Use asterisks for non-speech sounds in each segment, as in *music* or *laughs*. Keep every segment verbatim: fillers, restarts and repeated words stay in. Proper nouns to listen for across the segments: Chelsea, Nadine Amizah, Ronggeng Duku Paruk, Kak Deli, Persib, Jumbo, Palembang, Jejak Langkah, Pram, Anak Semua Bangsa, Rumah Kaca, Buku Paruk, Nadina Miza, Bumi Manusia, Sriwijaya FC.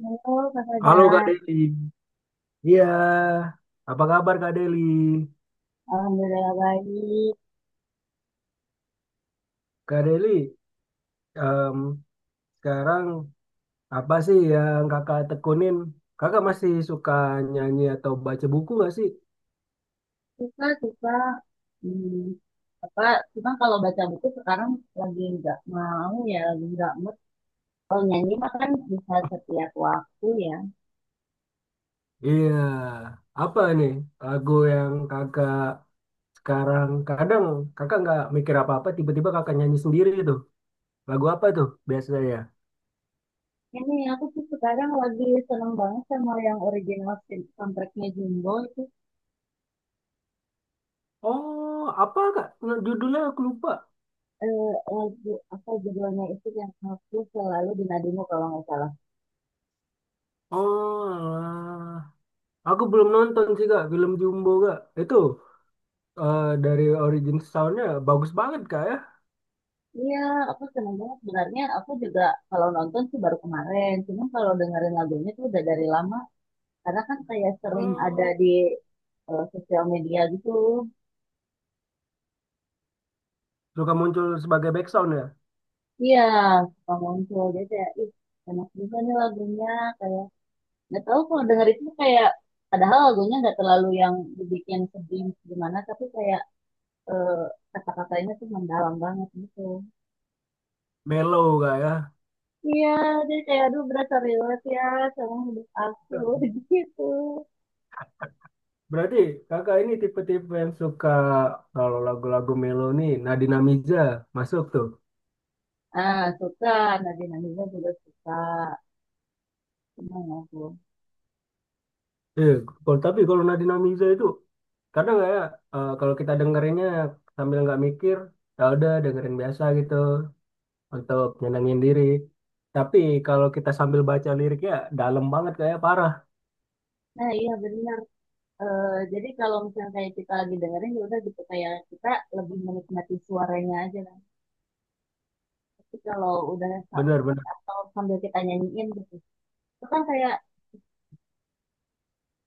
Halo Kak Sadra. Halo Kak Deli, iya, apa kabar Kak Deli? Alhamdulillah baik. Kak Deli, em, sekarang apa sih yang kakak tekunin? Kakak masih suka nyanyi atau baca buku nggak sih? Suka, suka. Hmm, apa, cuma kalau baca buku sekarang lagi nggak mau ya, lagi nggak mood. Kalau nyanyi mah kan bisa setiap waktu ya. Iya, apa nih lagu yang kakak sekarang kadang kakak nggak mikir apa-apa, tiba-tiba kakak nyanyi sendiri itu. Lagu apa tuh biasanya? Ini aku tuh sekarang lagi seneng banget sama yang original sound- soundtracknya Jumbo itu, Oh, apa Kak? Nah, judulnya aku lupa. lagu apa judulnya itu yang aku selalu dinadimu kalau nggak salah. Oh, alah. Aku belum nonton sih Kak, film Jumbo Kak. Itu. Eh, dari origin soundnya bagus banget kak ya. Iya, aku seneng banget. Sebenarnya aku juga kalau nonton sih baru kemarin. Cuma kalau dengerin lagunya tuh udah dari lama, karena kan kayak sering ada Hmm. di eh, sosial media gitu. Suka muncul sebagai back sound ya. Iya, suka muncul. Jadi kayak, ih, enak juga nih lagunya. Kayak nggak tahu kalau denger itu kayak padahal lagunya nggak terlalu yang dibikin sedih gimana, tapi kayak eh, kata-katanya tuh mendalam banget gitu. Mellow kak ya. Iya, jadi kayak aduh berasa relate ya sama hidup aku *laughs* gitu. Berarti kakak ini tipe-tipe yang suka kalau lagu-lagu mellow nih Nadina Miza masuk tuh. Ah, suka. Nadine Amizah juga suka. Senang aku. Eh, Kalau tapi kalau Nadina Miza itu kadang nggak ya, eh, kalau kita dengerinnya sambil nggak mikir, ya udah dengerin biasa gitu untuk nyenengin diri. Tapi kalau kita sambil baca liriknya dalam banget kayak parah, Nah, iya bener. Eh, jadi kalau misalnya kayak kita lagi dengerin ya udah gitu kayak kita lebih menikmati suaranya aja kan. Tapi kalau udah sa- bener-bener. atau sambil kita nyanyiin gitu, itu kan kayak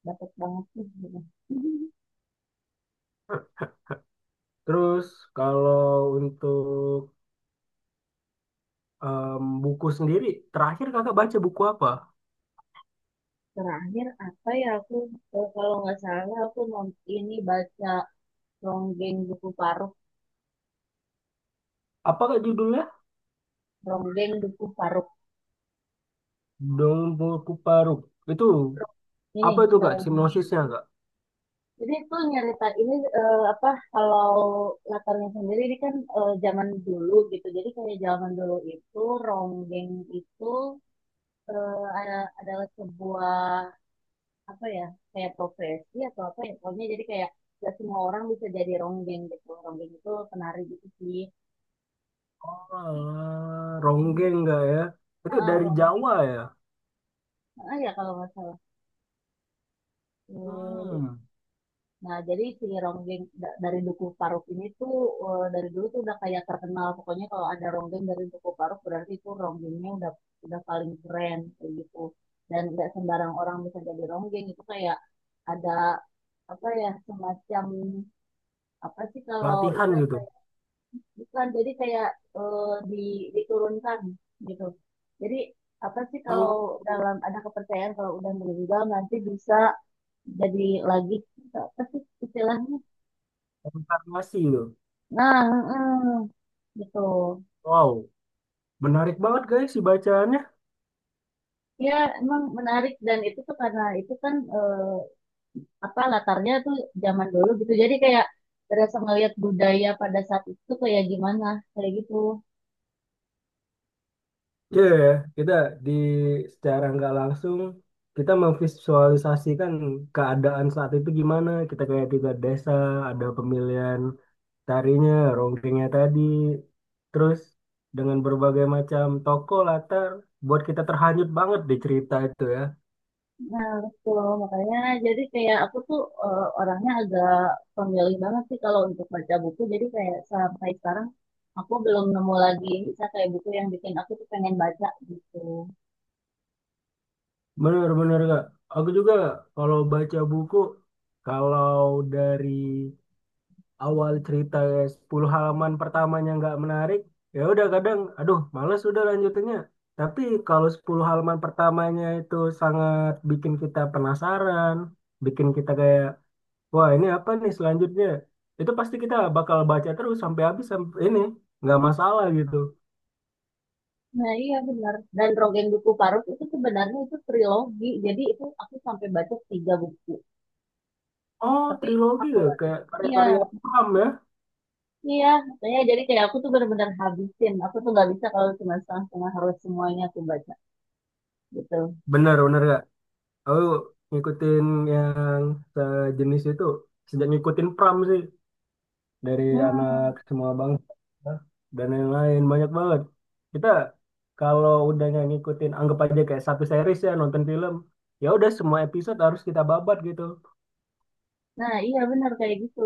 dapat banget sih. Gitu. *laughs* Terus kalau untuk em, buku sendiri, terakhir kakak baca buku apa? Terakhir apa ya aku, eh, kalau nggak salah aku mau ini baca Ronggeng Duku Paruk, Apa kak judulnya? Ronggeng Duku Paruk. Dong Buku Paruk. Itu Ini apa itu kak Rong- sinopsisnya kak? jadi itu nyerita ini, eh, apa kalau latarnya sendiri ini kan eh, zaman dulu gitu. Jadi kayak zaman dulu itu Ronggeng itu eh, ada adalah sebuah apa ya kayak profesi atau apa ya pokoknya jadi kayak gak semua orang bisa jadi ronggeng gitu, ronggeng itu penari gitu sih. Oh, alah, Mm. ronggeng kak ya? Itu Ah, dari Rong- Jawa ya? ah, ya kalau nggak salah. Eh, Hmm, nah, jadi si Ronggeng da- dari Dukuh Paruk ini tuh eh, dari dulu tuh udah kayak terkenal. Pokoknya kalau ada Ronggeng dari Dukuh Paruk berarti itu Ronggengnya udah udah paling keren kayak gitu. Dan nggak sembarang orang bisa jadi Ronggeng itu kayak ada apa ya semacam apa sih kalau latihan itu. gitu. Bukan, jadi kayak eh, di, diturunkan gitu. Jadi apa sih kalau Oh, dalam ada kepercayaan kalau udah meninggal nanti bisa jadi lagi gitu. Apa sih istilahnya? konfirmasi gitu. Nah, mm, gitu. Wow, menarik banget guys si bacaannya. Ya emang menarik dan itu tuh karena itu kan eh, apa latarnya tuh zaman dulu gitu. Jadi kayak terasa ngeliat budaya pada saat itu kayak gimana kayak gitu. Iya, ya, ya. Kita di secara nggak langsung kita memvisualisasikan keadaan saat itu gimana. Kita kayak tiga desa, ada pemilihan tarinya, ronggengnya tadi, terus dengan berbagai macam tokoh latar buat kita terhanyut banget di cerita itu ya. Nah, betul. Makanya jadi kayak aku tuh eh, orangnya agak pemilih banget sih kalau untuk baca buku. Jadi kayak sampai sekarang aku belum nemu lagi bisa kayak buku yang bikin aku tuh pengen baca gitu. Bener-bener nggak? Aku juga kalau baca buku, kalau dari awal cerita sepuluh halaman pertamanya nggak menarik, ya udah kadang, aduh, males udah lanjutannya. Tapi kalau sepuluh halaman pertamanya itu sangat bikin kita penasaran, bikin kita kayak, wah ini apa nih selanjutnya? Itu pasti kita bakal baca terus sampai habis sampai ini, nggak masalah gitu. Nah, iya benar. Dan Rogen Duku Paruk itu sebenarnya itu trilogi. Jadi itu aku sampai baca tiga buku. Oh, Tapi trilogi aku ya? Kayak iya, karya-karya Pram ya? iya. Makanya jadi kayak aku tuh benar-benar habisin. Aku tuh nggak bisa kalau cuma setengah-setengah, harus semuanya aku baca gitu. Bener, bener gak? Aku ngikutin yang sejenis itu, sejak ngikutin Pram sih. Dari anak Hmm. semua bangsa dan lain-lain banyak banget, kita kalau udah nggak ngikutin anggap aja kayak satu series ya, nonton film ya udah semua episode harus kita babat gitu Nah, iya benar kayak gitu.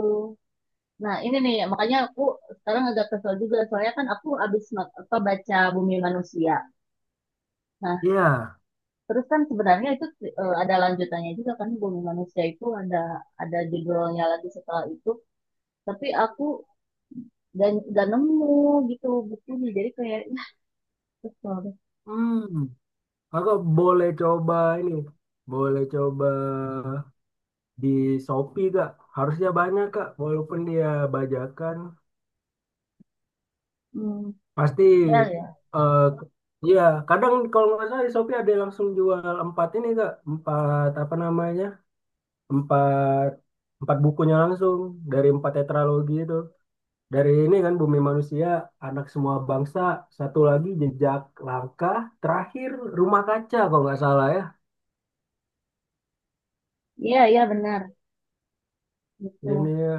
Nah, ini nih, makanya aku sekarang agak kesel juga. Soalnya kan aku habis ma- apa, baca Bumi Manusia. Nah, ya. terus kan sebenarnya itu eh, ada lanjutannya juga kan, Bumi Manusia itu ada ada judulnya lagi setelah itu. Tapi aku gak, gak nemu gitu bukunya. Jadi kayak, ya, kesel deh. Hmm. Aku boleh coba ini, boleh coba di Shopee kak, harusnya banyak kak walaupun dia bajakan Hmm, pasti. iya ya. eh Iya, kadang kalau nggak salah di Shopee ada yang langsung jual empat ini kak, empat apa namanya, empat empat bukunya langsung dari empat tetralogi itu, dari ini kan Bumi Manusia, Anak Semua Bangsa, satu lagi Jejak Langkah, terakhir Rumah Kaca kalau nggak salah ya Iya, iya benar. ini Gitu. ya.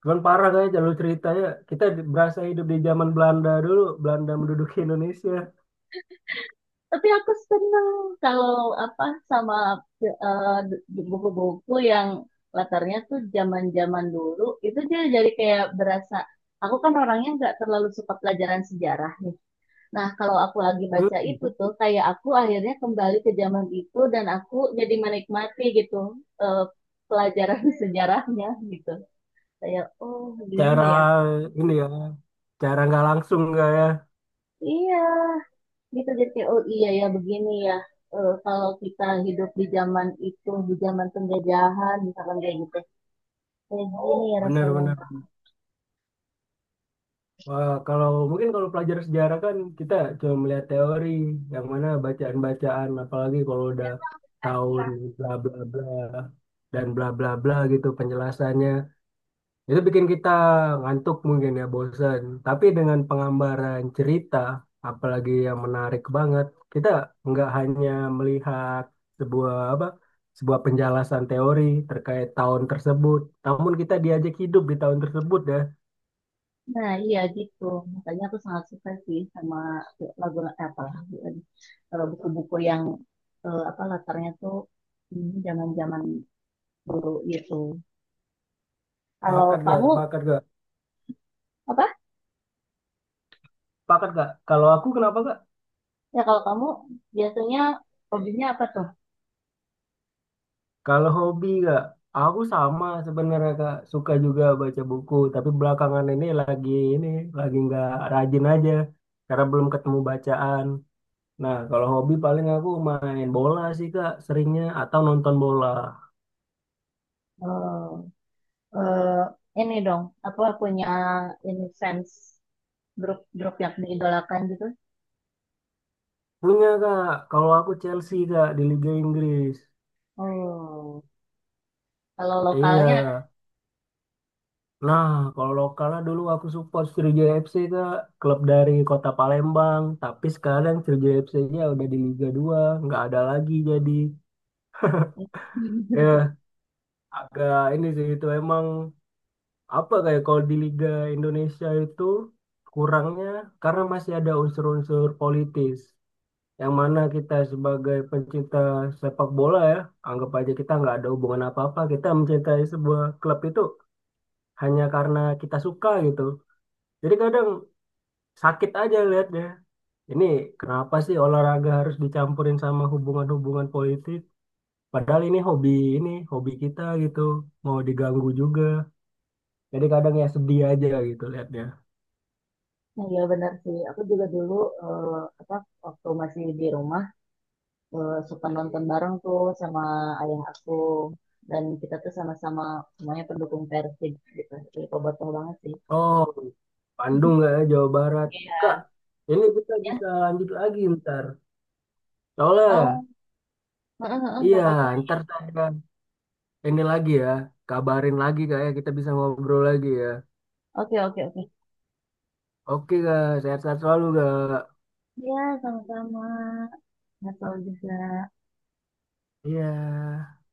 Cuman parah kayaknya jalur ceritanya, kita di- berasa hidup di zaman Belanda dulu, Belanda menduduki Indonesia. Tapi aku seneng kalau apa sama eh, buku-buku yang latarnya tuh zaman-zaman dulu itu, dia jadi kayak berasa, aku kan orangnya nggak terlalu suka pelajaran sejarah nih. Nah kalau aku lagi baca Hmm, itu tuh kayak aku akhirnya kembali ke zaman itu dan aku jadi menikmati gitu eh, pelajaran *laughs* sejarahnya gitu. Kayak oh gini cara ya. ini ya, cara nggak langsung nggak ya, Iya, gitu jadi kayak, oh iya ya begini ya. Eh, kalau kita hidup di zaman itu di zaman penjajahan misalkan kayak gitu, kayak gini ya rasanya. bener-bener. Wah, kalau mungkin kalau pelajar sejarah kan kita cuma melihat teori, yang mana bacaan-bacaan apalagi kalau udah tahun bla bla bla dan bla bla bla gitu penjelasannya, itu bikin kita ngantuk mungkin ya, bosan, tapi dengan pengambaran cerita apalagi yang menarik banget, kita nggak hanya melihat sebuah apa, sebuah penjelasan teori terkait tahun tersebut, namun kita diajak hidup di tahun tersebut ya. Nah iya gitu, makanya aku sangat suka sih sama lagu eh, apa lagu lagi. Eh, buku-buku yang eh, apa latarnya tuh hmm, zaman-zaman dulu gitu. Kalau Sepakat gak? kamu Sepakat gak? apa Pakat kak. Kalau aku kenapa kak? ya, kalau kamu biasanya hobinya apa tuh. Kalau hobi kak, aku sama sebenarnya kak. Suka juga baca buku, tapi belakangan ini lagi ini lagi nggak rajin aja, karena belum ketemu bacaan. Nah, kalau hobi paling aku main bola sih kak, seringnya, atau nonton bola. Eh, eh, ini dong apa punya ini sense, grup-grup yang diidolakan gitu. Punya kak, kalau aku Chelsea kak di Liga Inggris. Oh, kalau Iya, lokalnya ada. nah, kalau lokalnya dulu aku support Sriwijaya F C Kak, klub dari kota Palembang. Tapi sekarang Sriwijaya F C-nya udah di Liga dua nggak ada lagi jadi. *laughs* Ya, *laughs* agak ini sih itu emang apa, kayak kalau di Liga Indonesia itu kurangnya karena masih ada unsur-unsur politis, yang mana kita sebagai pencinta sepak bola ya, anggap aja kita nggak ada hubungan apa-apa, kita mencintai sebuah klub itu hanya karena kita suka gitu. Jadi kadang sakit aja lihatnya. Ini kenapa sih olahraga harus dicampurin sama hubungan-hubungan politik? Padahal ini hobi, ini hobi kita gitu, mau diganggu juga. Jadi kadang ya sedih aja gitu lihatnya. Iya benar sih. Aku juga dulu eh, apa waktu masih di rumah eh, suka nonton bareng tuh sama ayah aku, dan kita tuh sama-sama semuanya pendukung Persib gitu. Jadi bobotoh banget sih. Oh, Bandung *laughs* nggak ya, Jawa Barat? Kak, Iya. ini kita Ya. bisa lanjut lagi ntar. Soalnya, Oh, heeh, heeh, nggak iya apa-apa. ntar saya ini lagi ya, kabarin lagi kayak kita bisa ngobrol lagi ya. Oke, oke, oke. Oke kak, sehat-sehat selalu kak. Iya, sama-sama. Nggak tahu juga. Iya.